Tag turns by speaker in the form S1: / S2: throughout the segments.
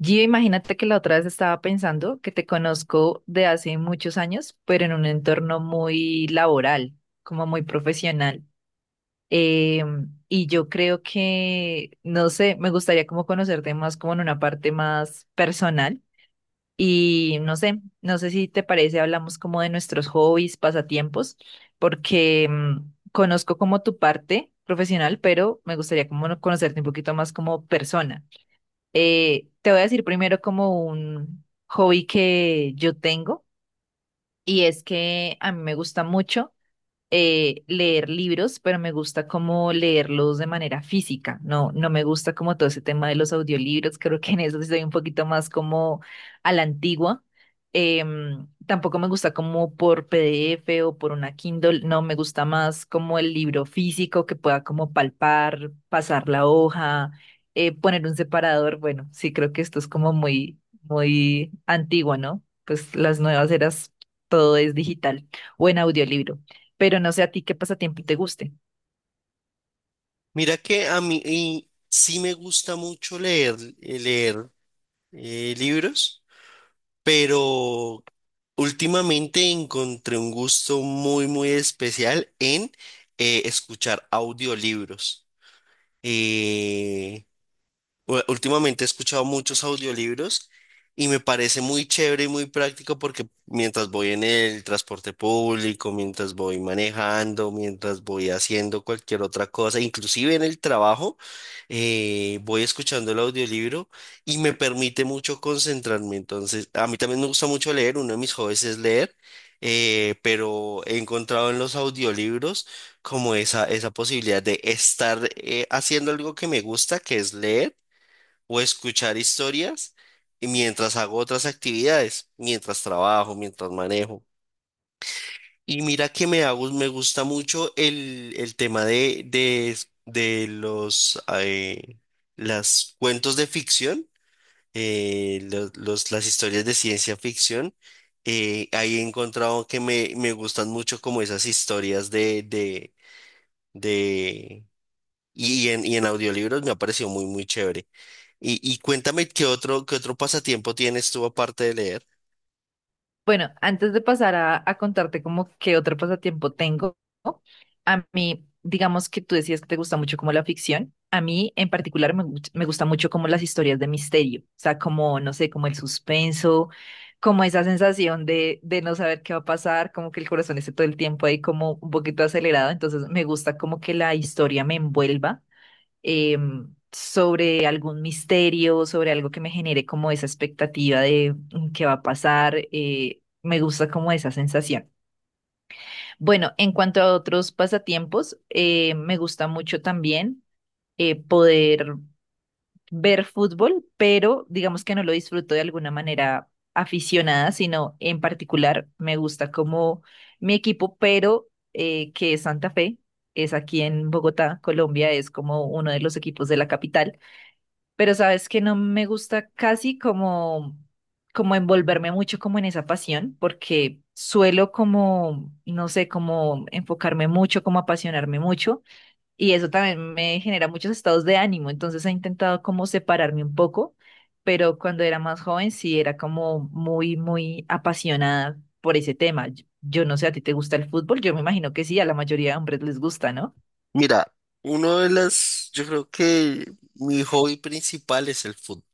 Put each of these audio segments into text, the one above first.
S1: Gio, imagínate que la otra vez estaba pensando que te conozco de hace muchos años, pero en un entorno muy laboral, como muy profesional. Y yo creo que, no sé, me gustaría como conocerte más como en una parte más personal. Y no sé, no sé si te parece, hablamos como de nuestros hobbies, pasatiempos, porque conozco como tu parte profesional, pero me gustaría como conocerte un poquito más como persona. Te voy a decir primero como un hobby que yo tengo y es que a mí me gusta mucho leer libros, pero me gusta como leerlos de manera física. No, no me gusta como todo ese tema de los audiolibros. Creo que en eso sí soy un poquito más como a la antigua. Tampoco me gusta como por PDF o por una Kindle. No, me gusta más como el libro físico que pueda como palpar, pasar la hoja, poner un separador. Bueno, sí, creo que esto es como muy, muy antigua, ¿no? Pues las nuevas eras, todo es digital o en audiolibro, pero no sé a ti qué pasatiempo te guste.
S2: Mira que a mí y sí me gusta mucho leer, leer libros, pero últimamente encontré un gusto muy, muy especial en escuchar audiolibros. Eh, Últimamente he escuchado muchos audiolibros y me parece muy chévere y muy práctico porque mientras voy en el transporte público, mientras voy manejando, mientras voy haciendo cualquier otra cosa, inclusive en el trabajo, voy escuchando el audiolibro y me permite mucho concentrarme. Entonces, a mí también me gusta mucho leer, uno de mis hobbies es leer, pero he encontrado en los audiolibros como esa posibilidad de estar haciendo algo que me gusta, que es leer o escuchar historias y mientras hago otras actividades, mientras trabajo, mientras manejo. Y mira que me hago, me gusta mucho el tema de los las cuentos de ficción, las historias de ciencia ficción. Ahí he encontrado que me gustan mucho como esas historias de y en audiolibros me ha parecido muy, muy chévere. Y cuéntame qué otro pasatiempo tienes tú aparte de leer.
S1: Bueno, antes de pasar a contarte como qué otro pasatiempo tengo, a mí, digamos que tú decías que te gusta mucho como la ficción. A mí en particular me, me gusta mucho como las historias de misterio, o sea, como, no sé, como el suspenso, como esa sensación de no saber qué va a pasar, como que el corazón esté todo el tiempo ahí como un poquito acelerado, entonces me gusta como que la historia me envuelva eh, sobre algún misterio, sobre algo que me genere como esa expectativa de qué va a pasar. Me gusta como esa sensación. Bueno, en cuanto a otros pasatiempos, me gusta mucho también poder ver fútbol, pero digamos que no lo disfruto de alguna manera aficionada, sino en particular me gusta como mi equipo, pero que es Santa Fe. Es aquí en Bogotá, Colombia, es como uno de los equipos de la capital, pero sabes que no me gusta casi como, como envolverme mucho como en esa pasión, porque suelo como, no sé, como enfocarme mucho, como apasionarme mucho, y eso también me genera muchos estados de ánimo, entonces he intentado como separarme un poco, pero cuando era más joven sí era como muy, muy apasionada por ese tema. Yo no sé, ¿a ti te gusta el fútbol? Yo me imagino que sí, a la mayoría de hombres les gusta, ¿no?
S2: Mira, uno de las, yo creo que mi hobby principal es el fútbol.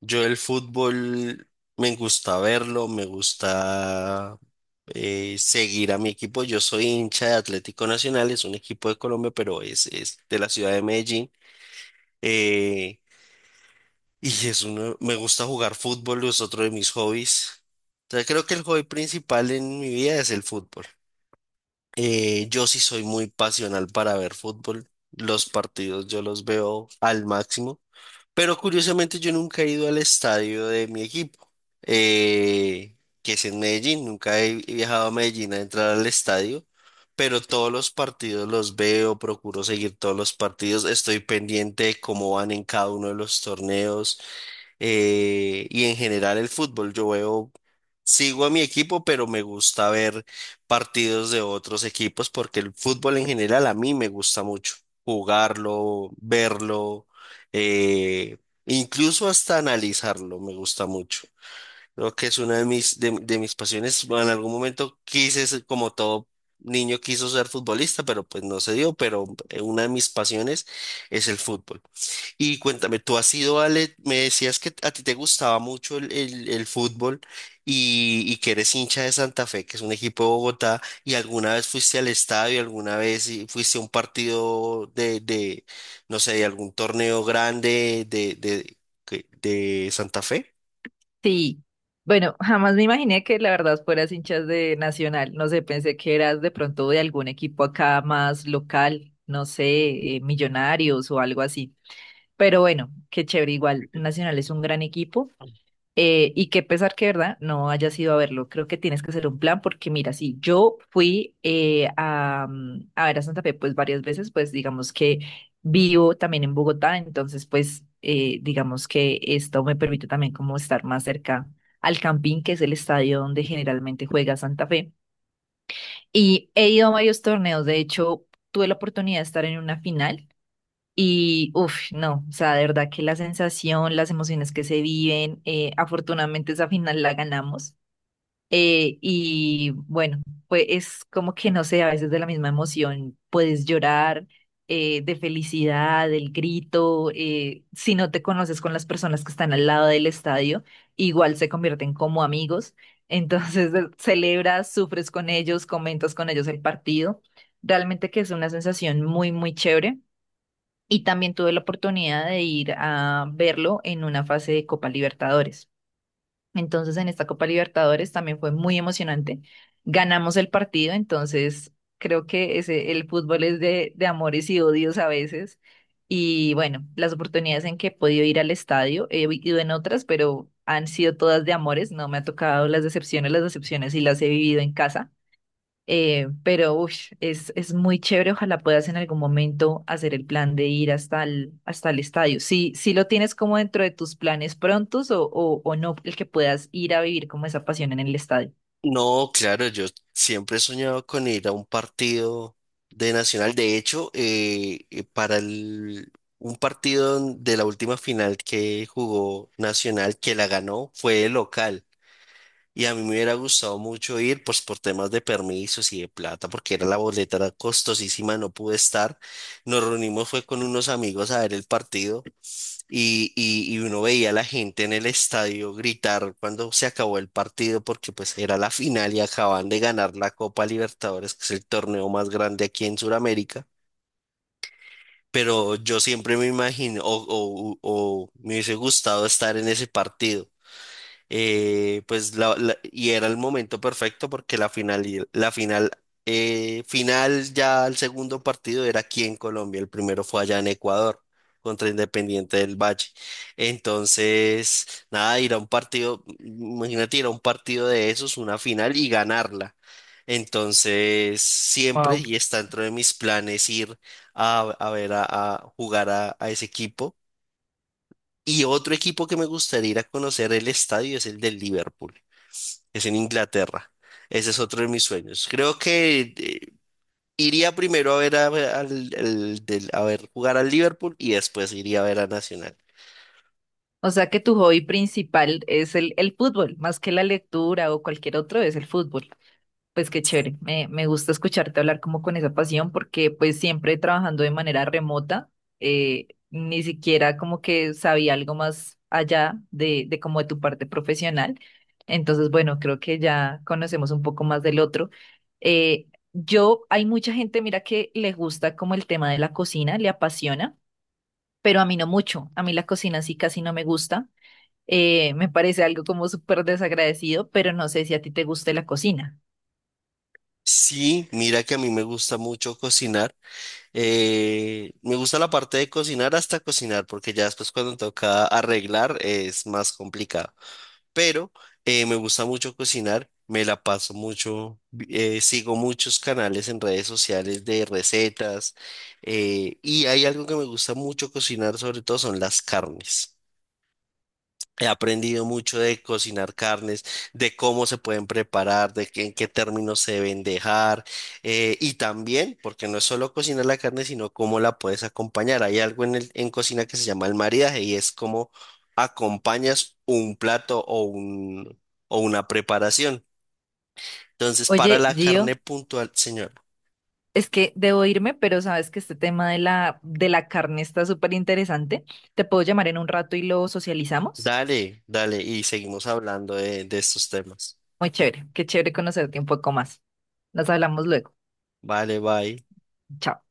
S2: Yo el fútbol me gusta verlo, me gusta seguir a mi equipo. Yo soy hincha de Atlético Nacional, es un equipo de Colombia, pero es de la ciudad de Medellín. Eh, Y es uno, me gusta jugar fútbol, es otro de mis hobbies. Entonces creo que el hobby principal en mi vida es el fútbol. Yo sí soy muy pasional para ver fútbol. Los partidos yo los veo al máximo. Pero curiosamente yo nunca he ido al estadio de mi equipo, que es en Medellín. Nunca he viajado a Medellín a entrar al estadio. Pero todos los partidos los veo, procuro seguir todos los partidos. Estoy pendiente de cómo van en cada uno de los torneos y en general el fútbol. Yo veo, sigo a mi equipo, pero me gusta ver partidos de otros equipos porque el fútbol en general a mí me gusta mucho jugarlo, verlo, eh, incluso hasta analizarlo, me gusta mucho. Creo que es una de mis, de mis pasiones. Bueno, en algún momento quise ser, como todo niño quiso ser futbolista, pero pues no se dio, pero una de mis pasiones es el fútbol. Y cuéntame, tú has ido a... le- Me decías que a ti te gustaba mucho el fútbol y que eres hincha de Santa Fe, que es un equipo de Bogotá, y alguna vez fuiste al estadio, alguna vez y- fuiste a un partido no sé, de algún torneo grande que- de Santa Fe.
S1: Sí, bueno, jamás me imaginé que la verdad fueras hinchas de Nacional. No sé, pensé que eras de pronto de algún equipo acá más local, no sé, Millonarios o algo así. Pero bueno, qué chévere, igual Nacional es un gran equipo y qué pesar que, ¿verdad? No hayas ido a verlo. Creo que tienes que hacer un plan porque mira, si yo fui a, a ver a Santa Fe pues varias veces, pues digamos que vivo también en Bogotá, entonces pues digamos que esto me permite también como estar más cerca al Campín, que es el estadio donde generalmente juega Santa Fe. Y he ido a varios torneos, de hecho, tuve la oportunidad de estar en una final y, uff, no, o sea, de verdad que la sensación, las emociones que se viven, afortunadamente esa final la ganamos. Y bueno, pues es como que no sé, a veces de la misma emoción puedes llorar de felicidad, el grito, si no te conoces con las personas que están al lado del estadio, igual se convierten como amigos. Entonces celebras, sufres con ellos, comentas con ellos el partido. Realmente que es una sensación muy, muy chévere y también tuve la oportunidad de ir a verlo en una fase de Copa Libertadores. Entonces, en esta Copa Libertadores también fue muy emocionante. Ganamos el partido, entonces creo que ese, el fútbol es de amores y odios a veces. Y bueno, las oportunidades en que he podido ir al estadio, he ido en otras, pero han sido todas de amores, no me ha tocado las decepciones y las he vivido en casa. Pero uy, es muy chévere. Ojalá puedas en algún momento hacer el plan de ir hasta el estadio. Si, si lo tienes como dentro de tus planes prontos o no, el que puedas ir a vivir como esa pasión en el estadio.
S2: No, claro, yo siempre he soñado con ir a un partido de Nacional. De hecho, para el- un partido de la última final que jugó Nacional, que la ganó, fue el local. Y a mí me hubiera gustado mucho ir, pues por temas de permisos y de plata, porque era la boleta, era costosísima, no pude estar. Nos reunimos, fue con unos amigos a ver el partido. Y uno veía a la gente en el estadio gritar cuando se acabó el partido, porque pues era la final y acaban de ganar la Copa Libertadores, que es el torneo más grande aquí en Sudamérica. Pero yo siempre me imagino, o me hubiese gustado estar en ese partido pues la- la- y era el momento perfecto porque la final, y- la final, final ya el segundo partido era aquí en Colombia, el primero fue allá en Ecuador contra Independiente del Valle. Entonces, nada, ir a un partido, imagínate ir a un partido de esos, una final y ganarla. Entonces, siempre
S1: Wow.
S2: y está dentro de mis planes ir a ver a jugar a ese equipo. Y otro equipo que me gustaría ir a conocer el estadio es el del Liverpool es en Inglaterra. Ese es otro de mis sueños. Creo que iría primero a ver a, al- al- del- a ver jugar al Liverpool y después iría a ver a Nacional.
S1: O sea que tu hobby principal es el fútbol, más que la lectura o cualquier otro, es el fútbol. Pues qué chévere, me gusta escucharte hablar como con esa pasión porque pues siempre trabajando de manera remota, ni siquiera como que sabía algo más allá de como de tu parte profesional. Entonces, bueno, creo que ya conocemos un poco más del otro. Yo, hay mucha gente, mira, que le gusta como el tema de la cocina, le apasiona, pero a mí no mucho. A mí la cocina sí casi no me gusta. Me parece algo como súper desagradecido, pero no sé si a ti te guste la cocina.
S2: Sí, mira que a mí me gusta mucho cocinar. Me gusta la parte de cocinar hasta cocinar, porque ya después cuando toca arreglar es más complicado. Pero me gusta mucho cocinar, me la paso mucho, sigo muchos canales en redes sociales de recetas y hay algo que me gusta mucho cocinar, sobre todo son las carnes. He aprendido mucho de cocinar carnes, de cómo se pueden preparar, de qué- en qué términos se deben dejar, y también, porque no es solo cocinar la carne, sino cómo la puedes acompañar. Hay algo en el- en cocina que se llama el maridaje y es cómo acompañas un plato o un, o una preparación. Entonces, para
S1: Oye,
S2: la carne
S1: Gio,
S2: puntual, señor,
S1: es que debo irme, pero sabes que este tema de la carne está súper interesante. Te puedo llamar en un rato y lo socializamos.
S2: dale, dale, y seguimos hablando de estos temas.
S1: Muy chévere, qué chévere conocerte un poco más. Nos hablamos luego.
S2: Vale, bye.
S1: Chao.